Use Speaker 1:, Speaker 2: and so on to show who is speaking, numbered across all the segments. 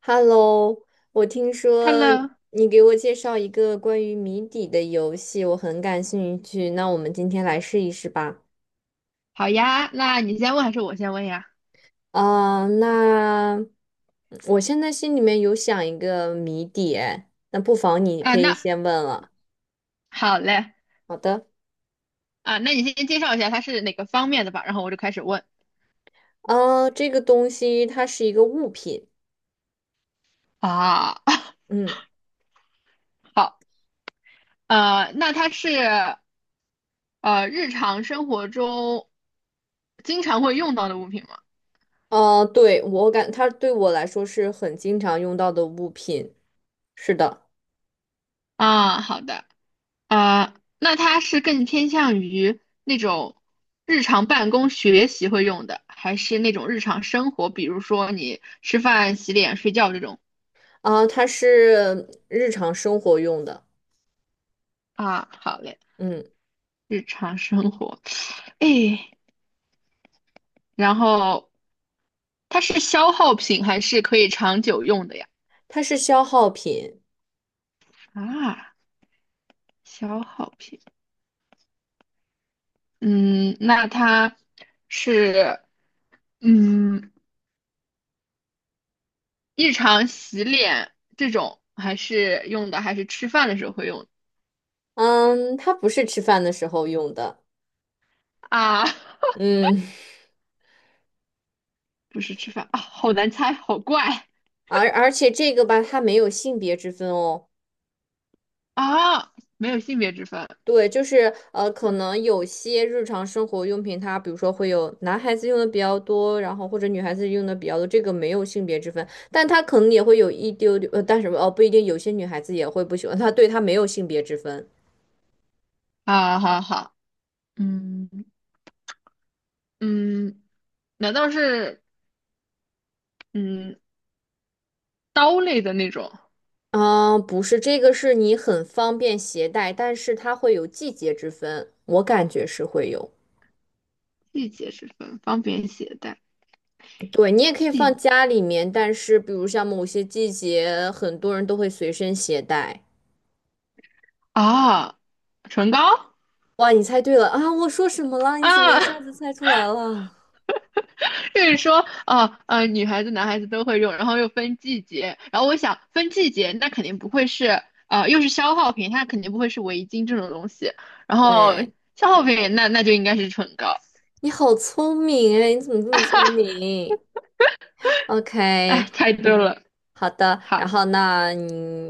Speaker 1: Hello，我听说
Speaker 2: Hello，
Speaker 1: 你给我介绍一个关于谜底的游戏，我很感兴趣。那我们今天来试一试吧。
Speaker 2: 好呀，那你先问还是我先问呀？
Speaker 1: 那我现在心里面有想一个谜底，哎那不妨你
Speaker 2: 啊，
Speaker 1: 可以
Speaker 2: 那
Speaker 1: 先问了。
Speaker 2: 好嘞。
Speaker 1: 好的，
Speaker 2: 啊，那你先介绍一下它是哪个方面的吧，然后我就开始问。
Speaker 1: 这个东西它是一个物品，
Speaker 2: 啊。
Speaker 1: 嗯，
Speaker 2: 好，那它是日常生活中经常会用到的物品吗？
Speaker 1: 啊，对，我感它对我来说是很经常用到的物品，是的，
Speaker 2: 啊，好的。呃，那它是更偏向于那种日常办公学习会用的，还是那种日常生活，比如说你吃饭、洗脸、睡觉这种？
Speaker 1: 它是日常生活用的，
Speaker 2: 啊，好嘞，
Speaker 1: 嗯。
Speaker 2: 日常生活。哎，然后它是消耗品还是可以长久用的呀？
Speaker 1: 它是消耗品，
Speaker 2: 啊，消耗品。嗯，那它是嗯日常洗脸这种还是用的，还是吃饭的时候会用的
Speaker 1: 嗯，它不是吃饭的时候用的，
Speaker 2: 啊？
Speaker 1: 嗯，
Speaker 2: 不是吃饭啊，好难猜，好怪
Speaker 1: 而且这个吧，它没有性别之分哦。
Speaker 2: 啊。没有性别之分
Speaker 1: 对，就是可能有些日常生活用品，它比如说会有男孩子用的比较多，然后或者女孩子用的比较多，这个没有性别之分，但它可能也会有一丢丢，但是哦，不一定，有些女孩子也会不喜欢它，对，它没有性别之分。
Speaker 2: 啊，好好。嗯嗯，难道是嗯刀类的那种？
Speaker 1: 啊，不是，这个是你很方便携带，但是它会有季节之分，我感觉是会有。
Speaker 2: 季节之分，方便携带？
Speaker 1: 对，你也可以放家里面，但是比如像某些季节，很多人都会随身携带。
Speaker 2: 啊，唇膏
Speaker 1: 哇，你猜对了啊！我说什么了？你怎么一
Speaker 2: 啊。
Speaker 1: 下子猜出来了？
Speaker 2: 就是说，哦，女孩子、男孩子都会用，然后又分季节，然后我想分季节，那肯定不会是，呃，又是消耗品，它肯定不会是围巾这种东西，然后
Speaker 1: 对，
Speaker 2: 消耗品，那就应该是唇膏。
Speaker 1: 你好聪明哎！你怎么这么聪明
Speaker 2: 哎，
Speaker 1: ？OK，
Speaker 2: 太对了，
Speaker 1: 好的。
Speaker 2: 好
Speaker 1: 然后那你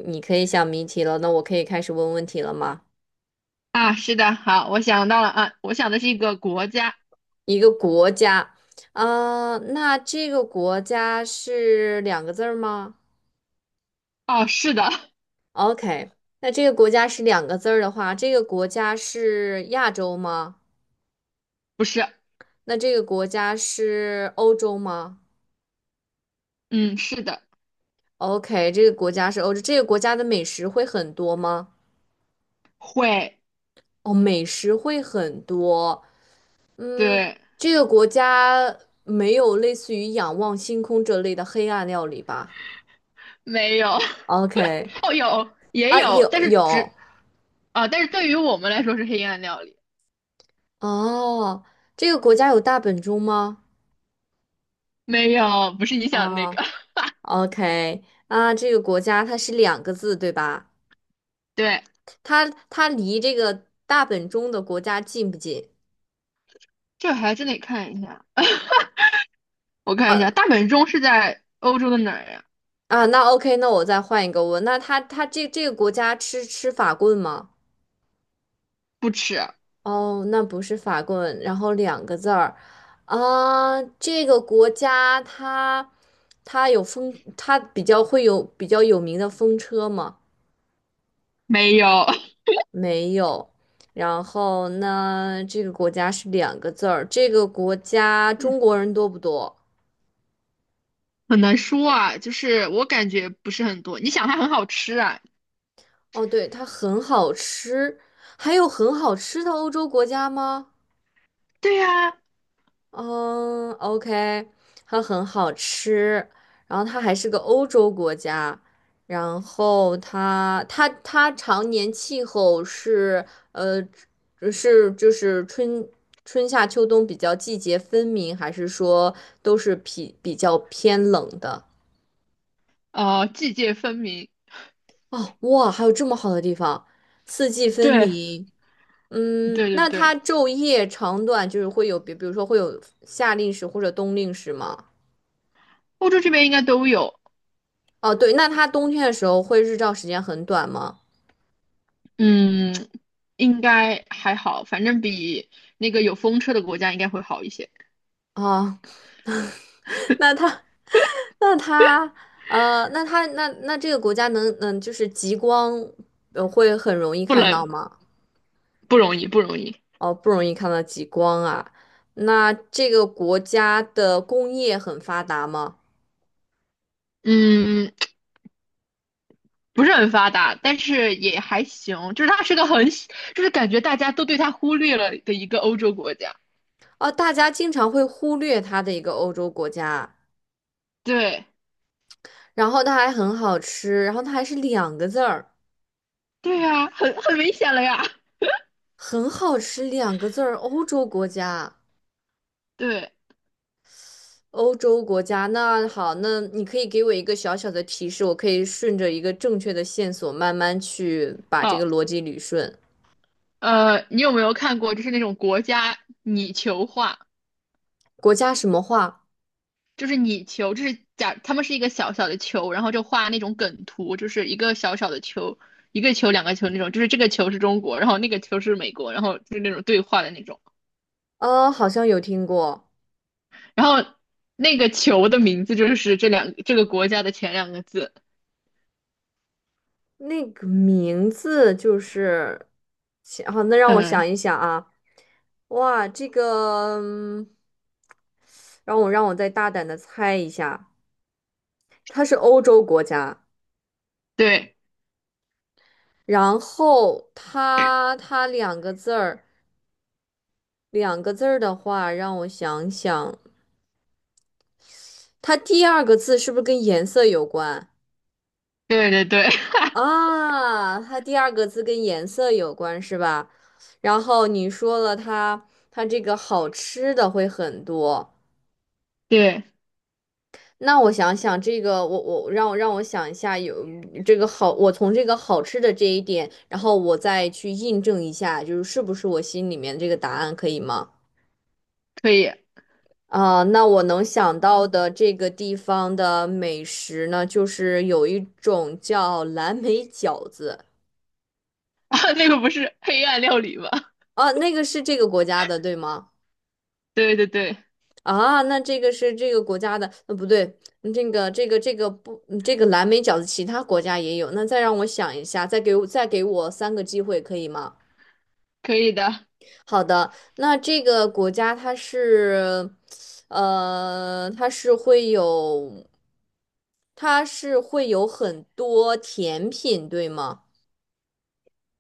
Speaker 1: 你可以想谜题了，那我可以开始问问题了吗？
Speaker 2: 啊。是的，好，我想到了啊，我想的是一个国家。
Speaker 1: 一个国家，那这个国家是两个字儿吗？
Speaker 2: 哦，是的。
Speaker 1: OK，那这个国家是两个字儿的话，这个国家是亚洲吗？
Speaker 2: 不是。
Speaker 1: 那这个国家是欧洲吗
Speaker 2: 嗯，是的。
Speaker 1: ？OK，这个国家是欧洲，这个国家的美食会很多吗？
Speaker 2: 会。
Speaker 1: 哦，美食会很多。嗯，
Speaker 2: 对。
Speaker 1: 这个国家没有类似于仰望星空这类的黑暗料理吧
Speaker 2: 没有。
Speaker 1: ？OK，
Speaker 2: 哦，有，也
Speaker 1: 啊，
Speaker 2: 有，
Speaker 1: 有
Speaker 2: 但是
Speaker 1: 有
Speaker 2: 只啊，但是对于我们来说是黑暗料理。
Speaker 1: 哦，这个国家有大本钟吗？
Speaker 2: 没有，不是你想的那个。
Speaker 1: 哦 ，OK，啊，这个国家它是两个字对吧？
Speaker 2: 对，
Speaker 1: 它离这个大本钟的国家近不近？
Speaker 2: 这还真得看一下。我看一
Speaker 1: 呃
Speaker 2: 下，大本钟是在欧洲的哪儿呀？
Speaker 1: 那 OK，那我再换一个问，那它这个国家吃法棍吗？
Speaker 2: 不吃。
Speaker 1: 哦，那不是法棍，然后两个字儿，啊，这个国家它有风，它比较会有比较有名的风车吗？
Speaker 2: 没有。
Speaker 1: 没有。然后呢，这个国家是两个字儿，这个国家
Speaker 2: 嗯
Speaker 1: 中国人多不多？
Speaker 2: 很难说啊。就是我感觉不是很多。你想它很好吃啊？
Speaker 1: 哦，对，它很好吃。还有很好吃的欧洲国家吗？
Speaker 2: 对呀。
Speaker 1: 嗯，OK，它很好吃。然后它还是个欧洲国家，然后它常年气候是呃是就是春夏秋冬比较季节分明，还是说都是比较偏冷的？
Speaker 2: 呃，季节分明。
Speaker 1: 哦，哇，还有这么好的地方，四季分
Speaker 2: 对。
Speaker 1: 明。嗯，
Speaker 2: 对对
Speaker 1: 那它
Speaker 2: 对。
Speaker 1: 昼夜长短就是会有，比如说会有夏令时或者冬令时吗？
Speaker 2: 欧洲这边应该都有。
Speaker 1: 哦，对，那它冬天的时候会日照时间很短吗？
Speaker 2: 嗯，应该还好，反正比那个有风车的国家应该会好一些。
Speaker 1: 啊、那它，那它，那这个国家能，就是极光，会很容易
Speaker 2: 不
Speaker 1: 看到
Speaker 2: 冷。
Speaker 1: 吗？
Speaker 2: 不容易，不容易。
Speaker 1: 哦，不容易看到极光啊。那这个国家的工业很发达吗？
Speaker 2: 嗯，不是很发达，但是也还行，就是它是个很小，就是感觉大家都对它忽略了的一个欧洲国家。
Speaker 1: 哦，大家经常会忽略它的一个欧洲国家。
Speaker 2: 对。
Speaker 1: 然后它还很好吃，然后它还是两个字儿，
Speaker 2: 对呀，很明显了呀。
Speaker 1: 很好吃两个字儿，欧洲国家，
Speaker 2: 对。
Speaker 1: 欧洲国家。那好，那你可以给我一个小小的提示，我可以顺着一个正确的线索慢慢去把这个
Speaker 2: 好，
Speaker 1: 逻辑捋顺。
Speaker 2: 呃，你有没有看过就是那种国家拟球画？
Speaker 1: 国家什么话？
Speaker 2: 就是拟球，就是假他们是一个小小的球，然后就画那种梗图，就是一个小小的球，一个球两个球那种，就是这个球是中国，然后那个球是美国，然后就是那种对话的那种，
Speaker 1: 好像有听过
Speaker 2: 然后那个球的名字就是这个国家的前两个字。
Speaker 1: 那个名字，就是，想好，那让我
Speaker 2: 嗯。
Speaker 1: 想一想啊，哇，这个，让我再大胆的猜一下，它是欧洲国家。
Speaker 2: 对。
Speaker 1: 然后它两个字儿，两个字儿的话，让我想想，它第二个字是不是跟颜色有关
Speaker 2: 对对对。
Speaker 1: 啊？它第二个字跟颜色有关是吧？然后你说了它这个好吃的会很多，
Speaker 2: 对。
Speaker 1: 那我想想这个，我我让我让我想一下，有这个好，我从这个好吃的这一点，然后我再去印证一下，是不是我心里面这个答案可以吗？
Speaker 2: 可以。
Speaker 1: 啊，那我能想到的这个地方的美食呢，就是有一种叫蓝莓饺子
Speaker 2: 啊，那个不是黑暗料理吗？
Speaker 1: 啊，那个是这个国家的，对吗？
Speaker 2: 对对对。
Speaker 1: 啊，那这个是这个国家的，不对，这个不，这个蓝莓饺子其他国家也有。那再让我想一下，再给我三个机会，可以吗？
Speaker 2: 可以的。
Speaker 1: 好的，那这个国家呃，它是会有，它是会有很多甜品，对吗？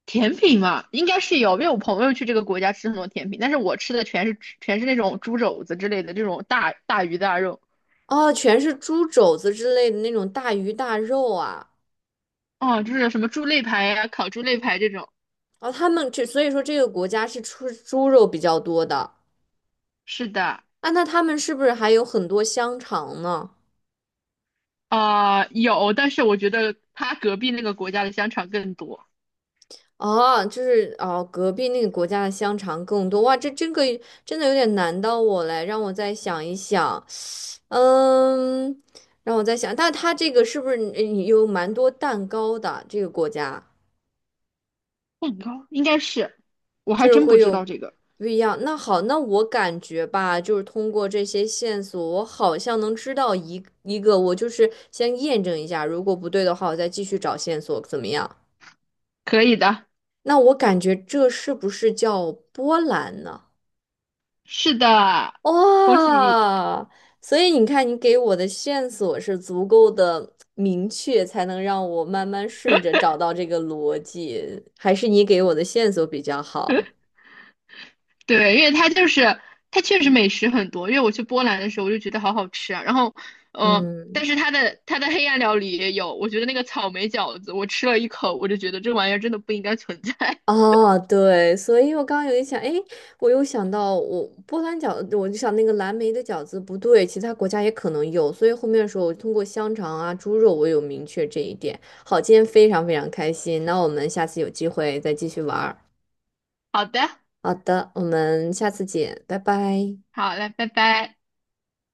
Speaker 2: 甜品嘛，应该是有，因为我朋友去这个国家吃很多甜品，但是我吃的全是那种猪肘子之类的这种大鱼大肉。
Speaker 1: 哦，全是猪肘子之类的那种大鱼大肉啊。
Speaker 2: 哦，就是什么猪肋排呀、烤猪肋排这种。
Speaker 1: 哦，他们这，所以说这个国家是出猪肉比较多的
Speaker 2: 是的。
Speaker 1: 啊。那他们是不是还有很多香肠呢？
Speaker 2: 啊、有，但是我觉得他隔壁那个国家的香肠更多。
Speaker 1: 哦，就是哦，隔壁那个国家的香肠更多哇，这个真的有点难到我嘞，让我再想一想。嗯，让我在想，但它这个是不是有蛮多蛋糕的？这个国家
Speaker 2: 蛋糕应该是，我
Speaker 1: 就
Speaker 2: 还
Speaker 1: 是
Speaker 2: 真不
Speaker 1: 会
Speaker 2: 知
Speaker 1: 有
Speaker 2: 道这个。
Speaker 1: 不一样。那好，那我感觉吧，就是通过这些线索，我好像能知道一个。我就是先验证一下，如果不对的话，我再继续找线索，怎么样？
Speaker 2: 可以的。
Speaker 1: 那我感觉这是不是叫波兰呢？
Speaker 2: 是的，恭喜你。
Speaker 1: 哇，所以你看，你给我的线索是足够的明确，才能让我慢慢顺着找到这个逻辑，还是你给我的线索比较好？
Speaker 2: 对，因为它就是它确实美食很多。因为我去波兰的时候，我就觉得好好吃啊。然后，呃，但
Speaker 1: 嗯，
Speaker 2: 是它的黑暗料理也有，我觉得那个草莓饺子，我吃了一口，我就觉得这玩意儿真的不应该存在。
Speaker 1: 哦，对，所以我刚刚有一想，哎，我又想到我波兰饺子，我就想那个蓝莓的饺子不对，其他国家也可能有，所以后面的时候我通过香肠啊、猪肉，我有明确这一点。好，今天非常非常开心，那我们下次有机会再继续玩儿。
Speaker 2: 好的。
Speaker 1: 好的，我们下次见，拜拜。
Speaker 2: 好嘞，拜拜。